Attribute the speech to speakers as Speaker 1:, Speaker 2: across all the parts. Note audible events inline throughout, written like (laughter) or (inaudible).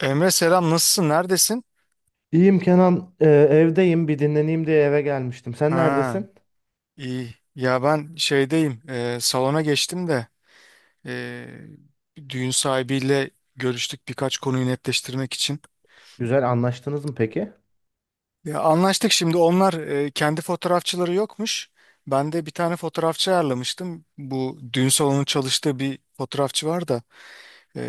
Speaker 1: Emre selam, nasılsın, neredesin?
Speaker 2: İyiyim Kenan, evdeyim. Bir dinleneyim diye eve gelmiştim. Sen
Speaker 1: Ha,
Speaker 2: neredesin?
Speaker 1: iyi ya, ben şeydeyim, salona geçtim de e, düğün sahibiyle görüştük birkaç konuyu netleştirmek için.
Speaker 2: Güzel anlaştınız mı peki?
Speaker 1: Ya, anlaştık, şimdi onlar kendi fotoğrafçıları yokmuş. Ben de bir tane fotoğrafçı ayarlamıştım. Bu düğün salonunun çalıştığı bir fotoğrafçı var da e,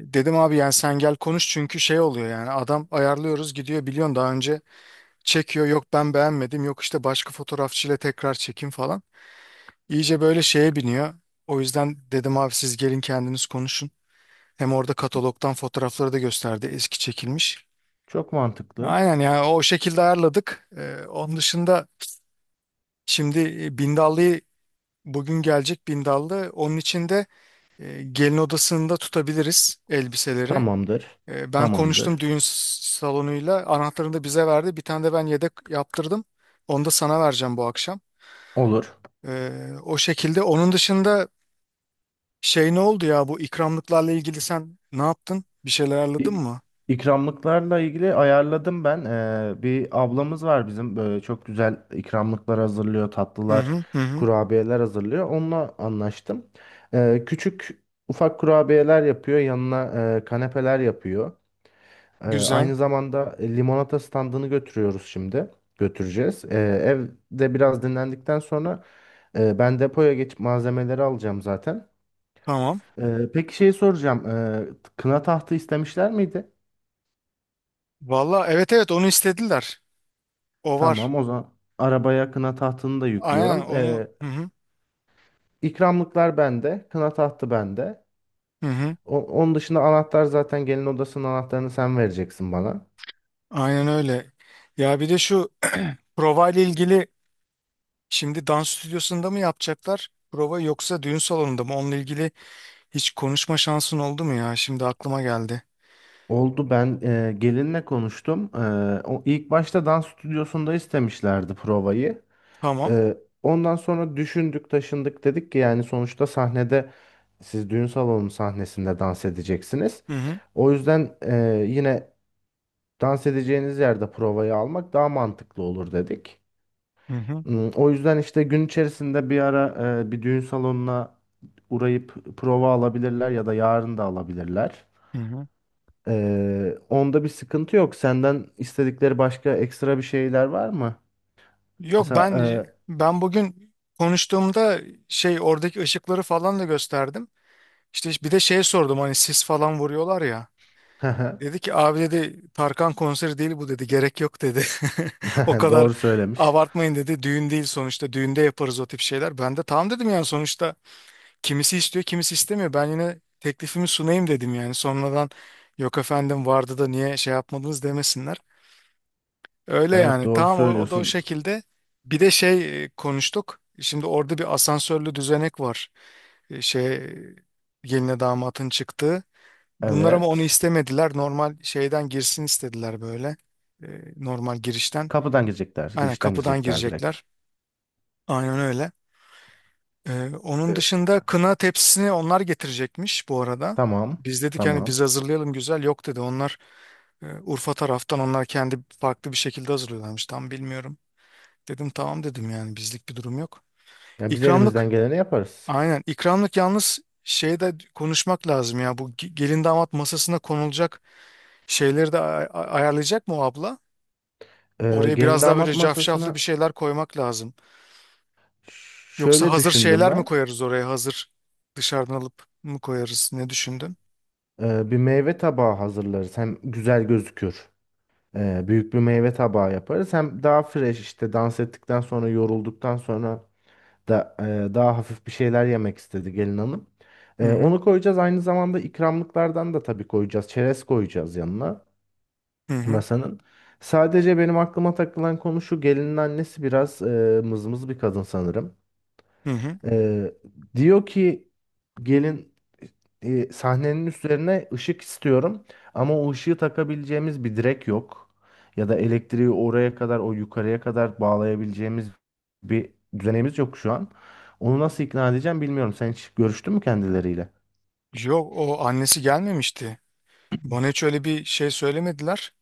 Speaker 1: dedim abi yani sen gel konuş, çünkü şey oluyor yani, adam ayarlıyoruz gidiyor, biliyorsun daha önce çekiyor, yok ben beğenmedim, yok işte başka fotoğrafçıyla tekrar çekim falan. İyice böyle şeye biniyor. O yüzden dedim abi siz gelin kendiniz konuşun. Hem orada katalogdan fotoğrafları da gösterdi, eski çekilmiş.
Speaker 2: Çok mantıklı.
Speaker 1: Aynen, yani o şekilde ayarladık. Onun dışında şimdi Bindallı'yı bugün gelecek Bindallı. Onun için de gelin odasında tutabiliriz elbiseleri.
Speaker 2: Tamamdır.
Speaker 1: E, ben konuştum
Speaker 2: Tamamdır.
Speaker 1: düğün salonuyla. Anahtarını da bize verdi. Bir tane de ben yedek yaptırdım. Onu da sana vereceğim bu akşam.
Speaker 2: Olur.
Speaker 1: E, o şekilde. Onun dışında şey, ne oldu ya, bu ikramlıklarla ilgili sen ne yaptın? Bir şeyler ayarladın
Speaker 2: İ-
Speaker 1: mı?
Speaker 2: İkramlıklarla ilgili ayarladım ben. Bir ablamız var bizim. Böyle çok güzel ikramlıklar hazırlıyor,
Speaker 1: Hı
Speaker 2: tatlılar,
Speaker 1: hı, hı hı.
Speaker 2: kurabiyeler hazırlıyor. Onunla anlaştım. Küçük ufak kurabiyeler yapıyor. Yanına kanepeler yapıyor.
Speaker 1: Güzel.
Speaker 2: Aynı zamanda limonata standını götürüyoruz şimdi. Götüreceğiz. Evde biraz dinlendikten sonra ben depoya geçip malzemeleri alacağım zaten.
Speaker 1: Tamam.
Speaker 2: Peki şeyi soracağım. Kına tahtı istemişler miydi?
Speaker 1: Valla evet, evet, onu istediler. O var.
Speaker 2: Tamam o zaman arabaya kına tahtını da
Speaker 1: Aynen
Speaker 2: yüklüyorum.
Speaker 1: onu. Hı hı,
Speaker 2: İkramlıklar bende. Kına tahtı bende.
Speaker 1: hı hı.
Speaker 2: Onun dışında anahtar zaten gelin odasının anahtarını sen vereceksin bana.
Speaker 1: Aynen öyle. Ya bir de şu (clears throat) prova ile ilgili şimdi dans stüdyosunda mı yapacaklar prova, yoksa düğün salonunda mı? Onunla ilgili hiç konuşma şansın oldu mu ya? Şimdi aklıma geldi.
Speaker 2: Oldu, ben gelinle konuştum. O ilk başta dans stüdyosunda istemişlerdi provayı.
Speaker 1: Tamam.
Speaker 2: E, Ondan sonra düşündük, taşındık, dedik ki yani sonuçta sahnede siz düğün salonu sahnesinde dans edeceksiniz.
Speaker 1: Hı hı,
Speaker 2: O yüzden yine dans edeceğiniz yerde provayı almak daha mantıklı olur dedik.
Speaker 1: hı hı.
Speaker 2: O yüzden işte gün içerisinde bir ara bir düğün salonuna uğrayıp prova alabilirler ya da yarın da alabilirler.
Speaker 1: Hı hı.
Speaker 2: Onda bir sıkıntı yok. Senden istedikleri başka ekstra bir şeyler var mı?
Speaker 1: Yok,
Speaker 2: Mesela
Speaker 1: ben bugün konuştuğumda şey, oradaki ışıkları falan da gösterdim. İşte bir de şey sordum, hani sis falan vuruyorlar ya.
Speaker 2: e,
Speaker 1: Dedi ki abi dedi, Tarkan konseri değil bu dedi, gerek yok dedi. (laughs) O
Speaker 2: (laughs)
Speaker 1: kadar
Speaker 2: doğru söylemiş.
Speaker 1: abartmayın dedi, düğün değil sonuçta, düğünde yaparız o tip şeyler. Ben de tamam dedim yani, sonuçta kimisi istiyor kimisi istemiyor. Ben yine teklifimi sunayım dedim, yani sonradan yok efendim vardı da niye şey yapmadınız demesinler. Öyle
Speaker 2: Evet,
Speaker 1: yani.
Speaker 2: doğru
Speaker 1: Tamam, o, o da o
Speaker 2: söylüyorsun.
Speaker 1: şekilde. Bir de şey, konuştuk. Şimdi orada bir asansörlü düzenek var. E, şey, geline damatın çıktığı. Bunlar ama onu
Speaker 2: Evet.
Speaker 1: istemediler. Normal şeyden girsin istediler böyle. E, normal girişten.
Speaker 2: Kapıdan girecekler.
Speaker 1: Aynen
Speaker 2: Girişten
Speaker 1: kapıdan
Speaker 2: girecekler direkt.
Speaker 1: girecekler. Aynen öyle. E, onun
Speaker 2: Ee,
Speaker 1: dışında kına tepsisini onlar getirecekmiş bu arada.
Speaker 2: tamam.
Speaker 1: Biz dedik hani biz
Speaker 2: Tamam.
Speaker 1: hazırlayalım güzel. Yok dedi, onlar Urfa taraftan onlar kendi farklı bir şekilde hazırlıyorlarmış. Tam bilmiyorum. Dedim tamam dedim, yani bizlik bir durum yok.
Speaker 2: Ya biz elimizden
Speaker 1: İkramlık.
Speaker 2: geleni yaparız.
Speaker 1: Aynen. İkramlık yalnız şeyde konuşmak lazım ya. Bu gelin damat masasına konulacak şeyleri de ayarlayacak mı o abla? Oraya
Speaker 2: Gelin
Speaker 1: biraz daha böyle
Speaker 2: damat
Speaker 1: cafcaflı bir
Speaker 2: masasına
Speaker 1: şeyler koymak lazım.
Speaker 2: ş-
Speaker 1: Yoksa
Speaker 2: şöyle
Speaker 1: hazır
Speaker 2: düşündüm
Speaker 1: şeyler mi
Speaker 2: ben.
Speaker 1: koyarız oraya? Hazır dışarıdan alıp mı koyarız? Ne düşündün?
Speaker 2: Bir meyve tabağı hazırlarız. Hem güzel gözükür. Büyük bir meyve tabağı yaparız. Hem daha fresh, işte dans ettikten sonra, yorulduktan sonra da daha hafif bir şeyler yemek istedi gelin hanım.
Speaker 1: Hı hı.
Speaker 2: Onu koyacağız. Aynı zamanda ikramlıklardan da tabii koyacağız. Çerez koyacağız yanına
Speaker 1: Hı hı.
Speaker 2: masanın. Sadece benim aklıma takılan konu şu: gelinin annesi biraz mızmız bir kadın sanırım.
Speaker 1: Hı hı.
Speaker 2: Ee, Diyor ki gelin, sahnenin üzerine ışık istiyorum, ama o ışığı takabileceğimiz bir direk yok. Ya da elektriği oraya kadar, o yukarıya kadar bağlayabileceğimiz bir düzenimiz yok şu an. Onu nasıl ikna edeceğim bilmiyorum. Sen hiç görüştün mü kendileriyle?
Speaker 1: Yok, o annesi gelmemişti. Bana hiç öyle bir şey söylemediler.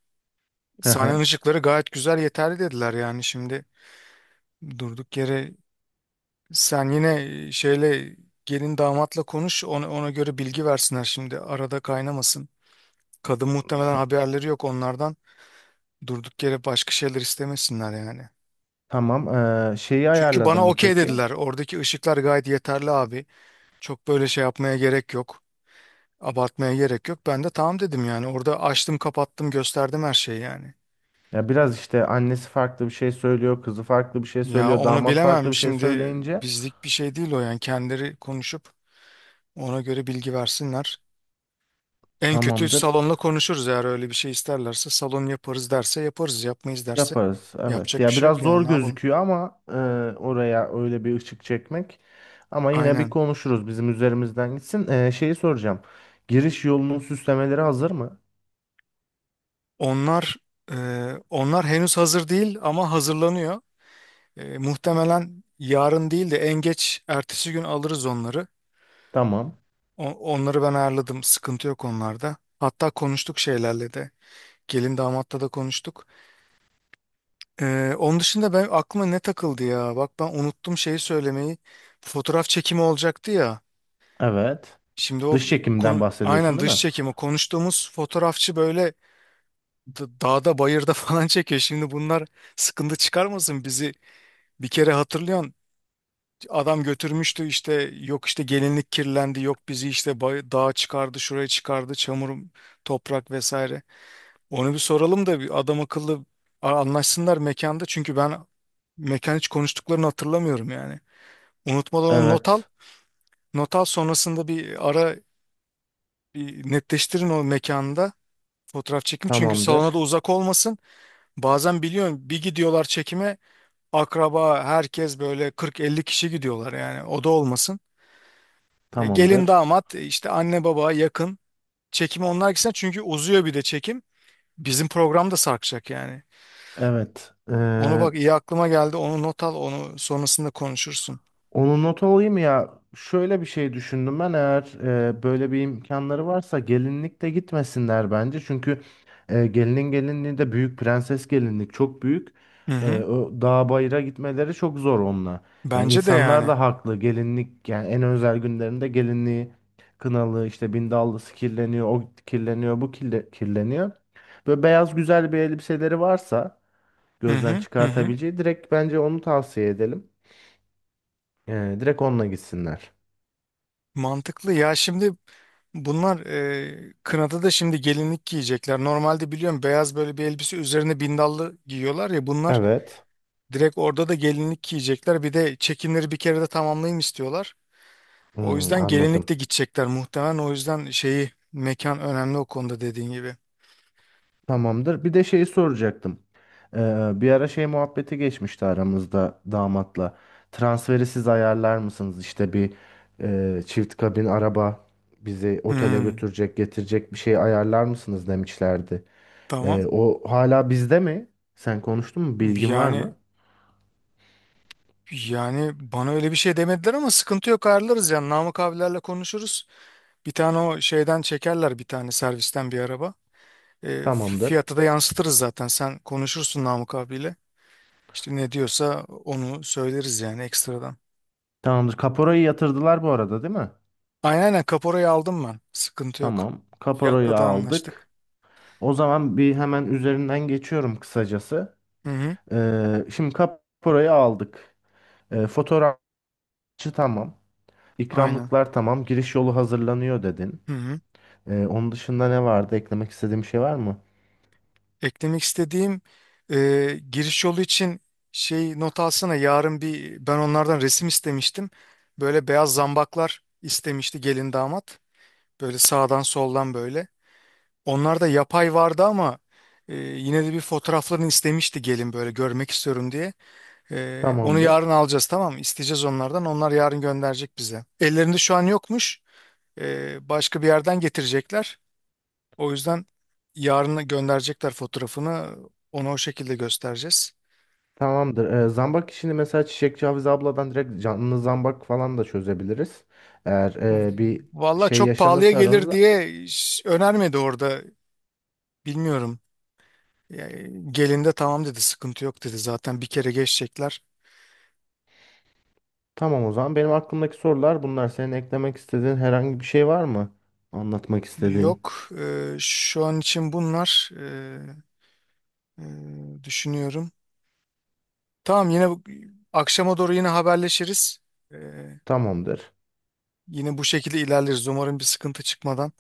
Speaker 2: Hı
Speaker 1: Sahne
Speaker 2: hı.
Speaker 1: ışıkları gayet güzel, yeterli dediler yani. Şimdi durduk yere, sen yine şeyle, gelin damatla konuş, ona, ona göre bilgi versinler, şimdi arada kaynamasın. Kadın muhtemelen,
Speaker 2: Ta-
Speaker 1: haberleri yok onlardan. Durduk yere başka şeyler istemesinler yani.
Speaker 2: Tamam. Şeyi
Speaker 1: Çünkü
Speaker 2: ayarladın
Speaker 1: bana
Speaker 2: mı
Speaker 1: okey
Speaker 2: peki?
Speaker 1: dediler. Oradaki ışıklar gayet yeterli abi. Çok böyle şey yapmaya gerek yok. Abartmaya gerek yok. Ben de tamam dedim yani. Orada açtım, kapattım, gösterdim her şeyi yani.
Speaker 2: Ya biraz işte annesi farklı bir şey söylüyor, kızı farklı bir şey
Speaker 1: Ya
Speaker 2: söylüyor,
Speaker 1: onu
Speaker 2: damat farklı
Speaker 1: bilemem
Speaker 2: bir şey
Speaker 1: şimdi,
Speaker 2: söyleyince
Speaker 1: bizlik bir şey değil o yani. Kendileri konuşup ona göre bilgi versinler. En kötü
Speaker 2: tamamdır.
Speaker 1: salonla konuşuruz eğer öyle bir şey isterlerse. Salon yaparız derse yaparız. Yapmayız derse
Speaker 2: Yaparız evet.
Speaker 1: yapacak bir
Speaker 2: Ya
Speaker 1: şey
Speaker 2: biraz
Speaker 1: yok
Speaker 2: zor
Speaker 1: yani, ne yapalım.
Speaker 2: gözüküyor ama oraya öyle bir ışık çekmek. Ama yine bir
Speaker 1: Aynen.
Speaker 2: konuşuruz, bizim üzerimizden gitsin. Şeyi soracağım. Giriş yolunun süslemeleri hazır mı?
Speaker 1: Onlar e, onlar henüz hazır değil ama hazırlanıyor. E, muhtemelen yarın değil de en geç ertesi gün alırız onları.
Speaker 2: Tamam.
Speaker 1: O- onları ben ayarladım. Sıkıntı yok onlarda. Hatta konuştuk şeylerle de. Gelin damatla da konuştuk. E, onun dışında ben, aklıma ne takıldı ya? Bak ben unuttum şeyi söylemeyi. Fotoğraf çekimi olacaktı ya.
Speaker 2: Evet.
Speaker 1: Şimdi o
Speaker 2: Dış çekimden bahsediyorsun
Speaker 1: aynen
Speaker 2: değil
Speaker 1: dış
Speaker 2: mi?
Speaker 1: çekimi konuştuğumuz fotoğrafçı böyle dağda bayırda (laughs) falan çekiyor. Şimdi bunlar sıkıntı çıkarmasın bizi, bir kere hatırlıyorsun. Adam götürmüştü işte, yok işte gelinlik kirlendi, yok bizi işte bay, dağa çıkardı, şuraya çıkardı, çamur, toprak vesaire. Onu bir soralım da bir adam akıllı anlaşsınlar mekanda, çünkü ben mekan hiç konuştuklarını hatırlamıyorum yani. Unutmadan onu not al.
Speaker 2: Evet.
Speaker 1: Not al, sonrasında bir ara bir netleştirin o mekanda. Fotoğraf çekimi çünkü salona da
Speaker 2: Tamamdır.
Speaker 1: uzak olmasın. Bazen biliyorum bir gidiyorlar çekime, akraba herkes böyle 40-50 kişi gidiyorlar yani, o da olmasın. E, gelin
Speaker 2: Tamamdır.
Speaker 1: damat işte anne baba, yakın çekime onlar gitsin, çünkü uzuyor bir de çekim. Bizim program da sarkacak yani.
Speaker 2: Evet.
Speaker 1: Onu bak, iyi aklıma geldi, onu not al, onu sonrasında konuşursun.
Speaker 2: Onu not alayım ya. Şöyle bir şey düşündüm ben, eğer böyle bir imkanları varsa gelinlik de gitmesinler bence. Çünkü gelinin gelinliği de büyük prenses gelinlik, çok büyük.
Speaker 1: Hı hı.
Speaker 2: O dağ bayıra gitmeleri çok zor onunla. Yani
Speaker 1: Bence de
Speaker 2: insanlar
Speaker 1: yani.
Speaker 2: da haklı, gelinlik yani, en özel günlerinde gelinliği kınalı işte, bindallısı kirleniyor, o kirleniyor, bu kirleniyor. Böyle beyaz güzel bir elbiseleri varsa,
Speaker 1: Hı
Speaker 2: gözden
Speaker 1: hı, hı hı.
Speaker 2: çıkartabileceği, direkt bence onu tavsiye edelim. Direkt onunla gitsinler.
Speaker 1: Mantıklı ya. Şimdi bunlar kınada da şimdi gelinlik giyecekler. Normalde biliyorum beyaz böyle bir elbise üzerine bindallı giyiyorlar ya, bunlar
Speaker 2: Evet.
Speaker 1: direkt orada da gelinlik giyecekler. Bir de çekimleri bir kere de tamamlayayım istiyorlar. O
Speaker 2: Hmm,
Speaker 1: yüzden gelinlik
Speaker 2: anladım.
Speaker 1: de gidecekler muhtemelen. O yüzden şeyi, mekan önemli o konuda dediğin gibi.
Speaker 2: Tamamdır. Bir de şeyi soracaktım. Bir ara şey muhabbeti geçmişti aramızda damatla. Transferi siz ayarlar mısınız? İşte bir çift kabin araba bizi otele
Speaker 1: Hmm,
Speaker 2: götürecek, getirecek bir şey ayarlar mısınız demişlerdi.
Speaker 1: tamam.
Speaker 2: O hala bizde mi? Sen konuştun mu? Bilgin var
Speaker 1: Yani
Speaker 2: mı?
Speaker 1: yani bana öyle bir şey demediler ama sıkıntı yok, ayarlarız yani. Namık abilerle konuşuruz. Bir tane o şeyden çekerler, bir tane servisten bir araba. E,
Speaker 2: Tamamdır.
Speaker 1: fiyatı da yansıtırız zaten. Sen konuşursun Namık abiyle. İşte ne diyorsa onu söyleriz yani, ekstradan.
Speaker 2: Tamamdır. Kaporayı yatırdılar bu arada, değil mi?
Speaker 1: Aynen, kaporayı aldım ben. Sıkıntı yok.
Speaker 2: Tamam.
Speaker 1: Fiyatta
Speaker 2: Kaporayı
Speaker 1: da anlaştık.
Speaker 2: aldık. O zaman bir hemen üzerinden geçiyorum kısacası.
Speaker 1: Hı hı.
Speaker 2: Şimdi kaporayı aldık. Fotoğrafçı tamam.
Speaker 1: Aynen.
Speaker 2: İkramlıklar tamam. Giriş yolu hazırlanıyor dedin.
Speaker 1: Hı hı.
Speaker 2: Onun dışında ne vardı? Eklemek istediğim şey var mı?
Speaker 1: Eklemek istediğim, giriş yolu için şey, not alsana, yarın bir ben onlardan resim istemiştim. Böyle beyaz zambaklar istemişti gelin damat. Böyle sağdan soldan böyle. Onlarda yapay vardı ama yine de bir fotoğraflarını istemişti gelin, böyle görmek istiyorum diye. E, onu
Speaker 2: Tamamdır.
Speaker 1: yarın alacağız, tamam mı? İsteyeceğiz onlardan. Onlar yarın gönderecek bize. Ellerinde şu an yokmuş. E, başka bir yerden getirecekler. O yüzden yarın gönderecekler fotoğrafını. Ona o şekilde göstereceğiz.
Speaker 2: Tamamdır. Zambak işini mesela Çiçekçi Hafize abladan direkt canlı zambak falan da çözebiliriz. Eğer bir
Speaker 1: Valla
Speaker 2: şey
Speaker 1: çok pahalıya
Speaker 2: yaşanırsa
Speaker 1: gelir
Speaker 2: aranızda.
Speaker 1: diye hiç önermedi orada. Bilmiyorum. Yani gelin de tamam dedi, sıkıntı yok dedi, zaten bir kere geçecekler.
Speaker 2: Tamam o zaman. Benim aklımdaki sorular bunlar. Senin eklemek istediğin herhangi bir şey var mı? Anlatmak istediğin.
Speaker 1: Yok. Şu an için bunlar, düşünüyorum. Tamam, yine akşama doğru yine haberleşiriz. E,
Speaker 2: Tamamdır.
Speaker 1: yine bu şekilde ilerleriz. Umarım bir sıkıntı çıkmadan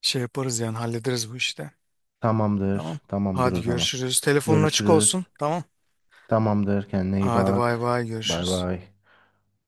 Speaker 1: şey yaparız yani, hallederiz bu işte. Tamam.
Speaker 2: Tamamdır. Tamamdır
Speaker 1: Hadi
Speaker 2: o zaman.
Speaker 1: görüşürüz. Telefonun açık olsun.
Speaker 2: Görüşürüz.
Speaker 1: Tamam.
Speaker 2: Tamamdır, kendine iyi
Speaker 1: Hadi bay
Speaker 2: bak.
Speaker 1: bay,
Speaker 2: Bay
Speaker 1: görüşürüz.
Speaker 2: bay.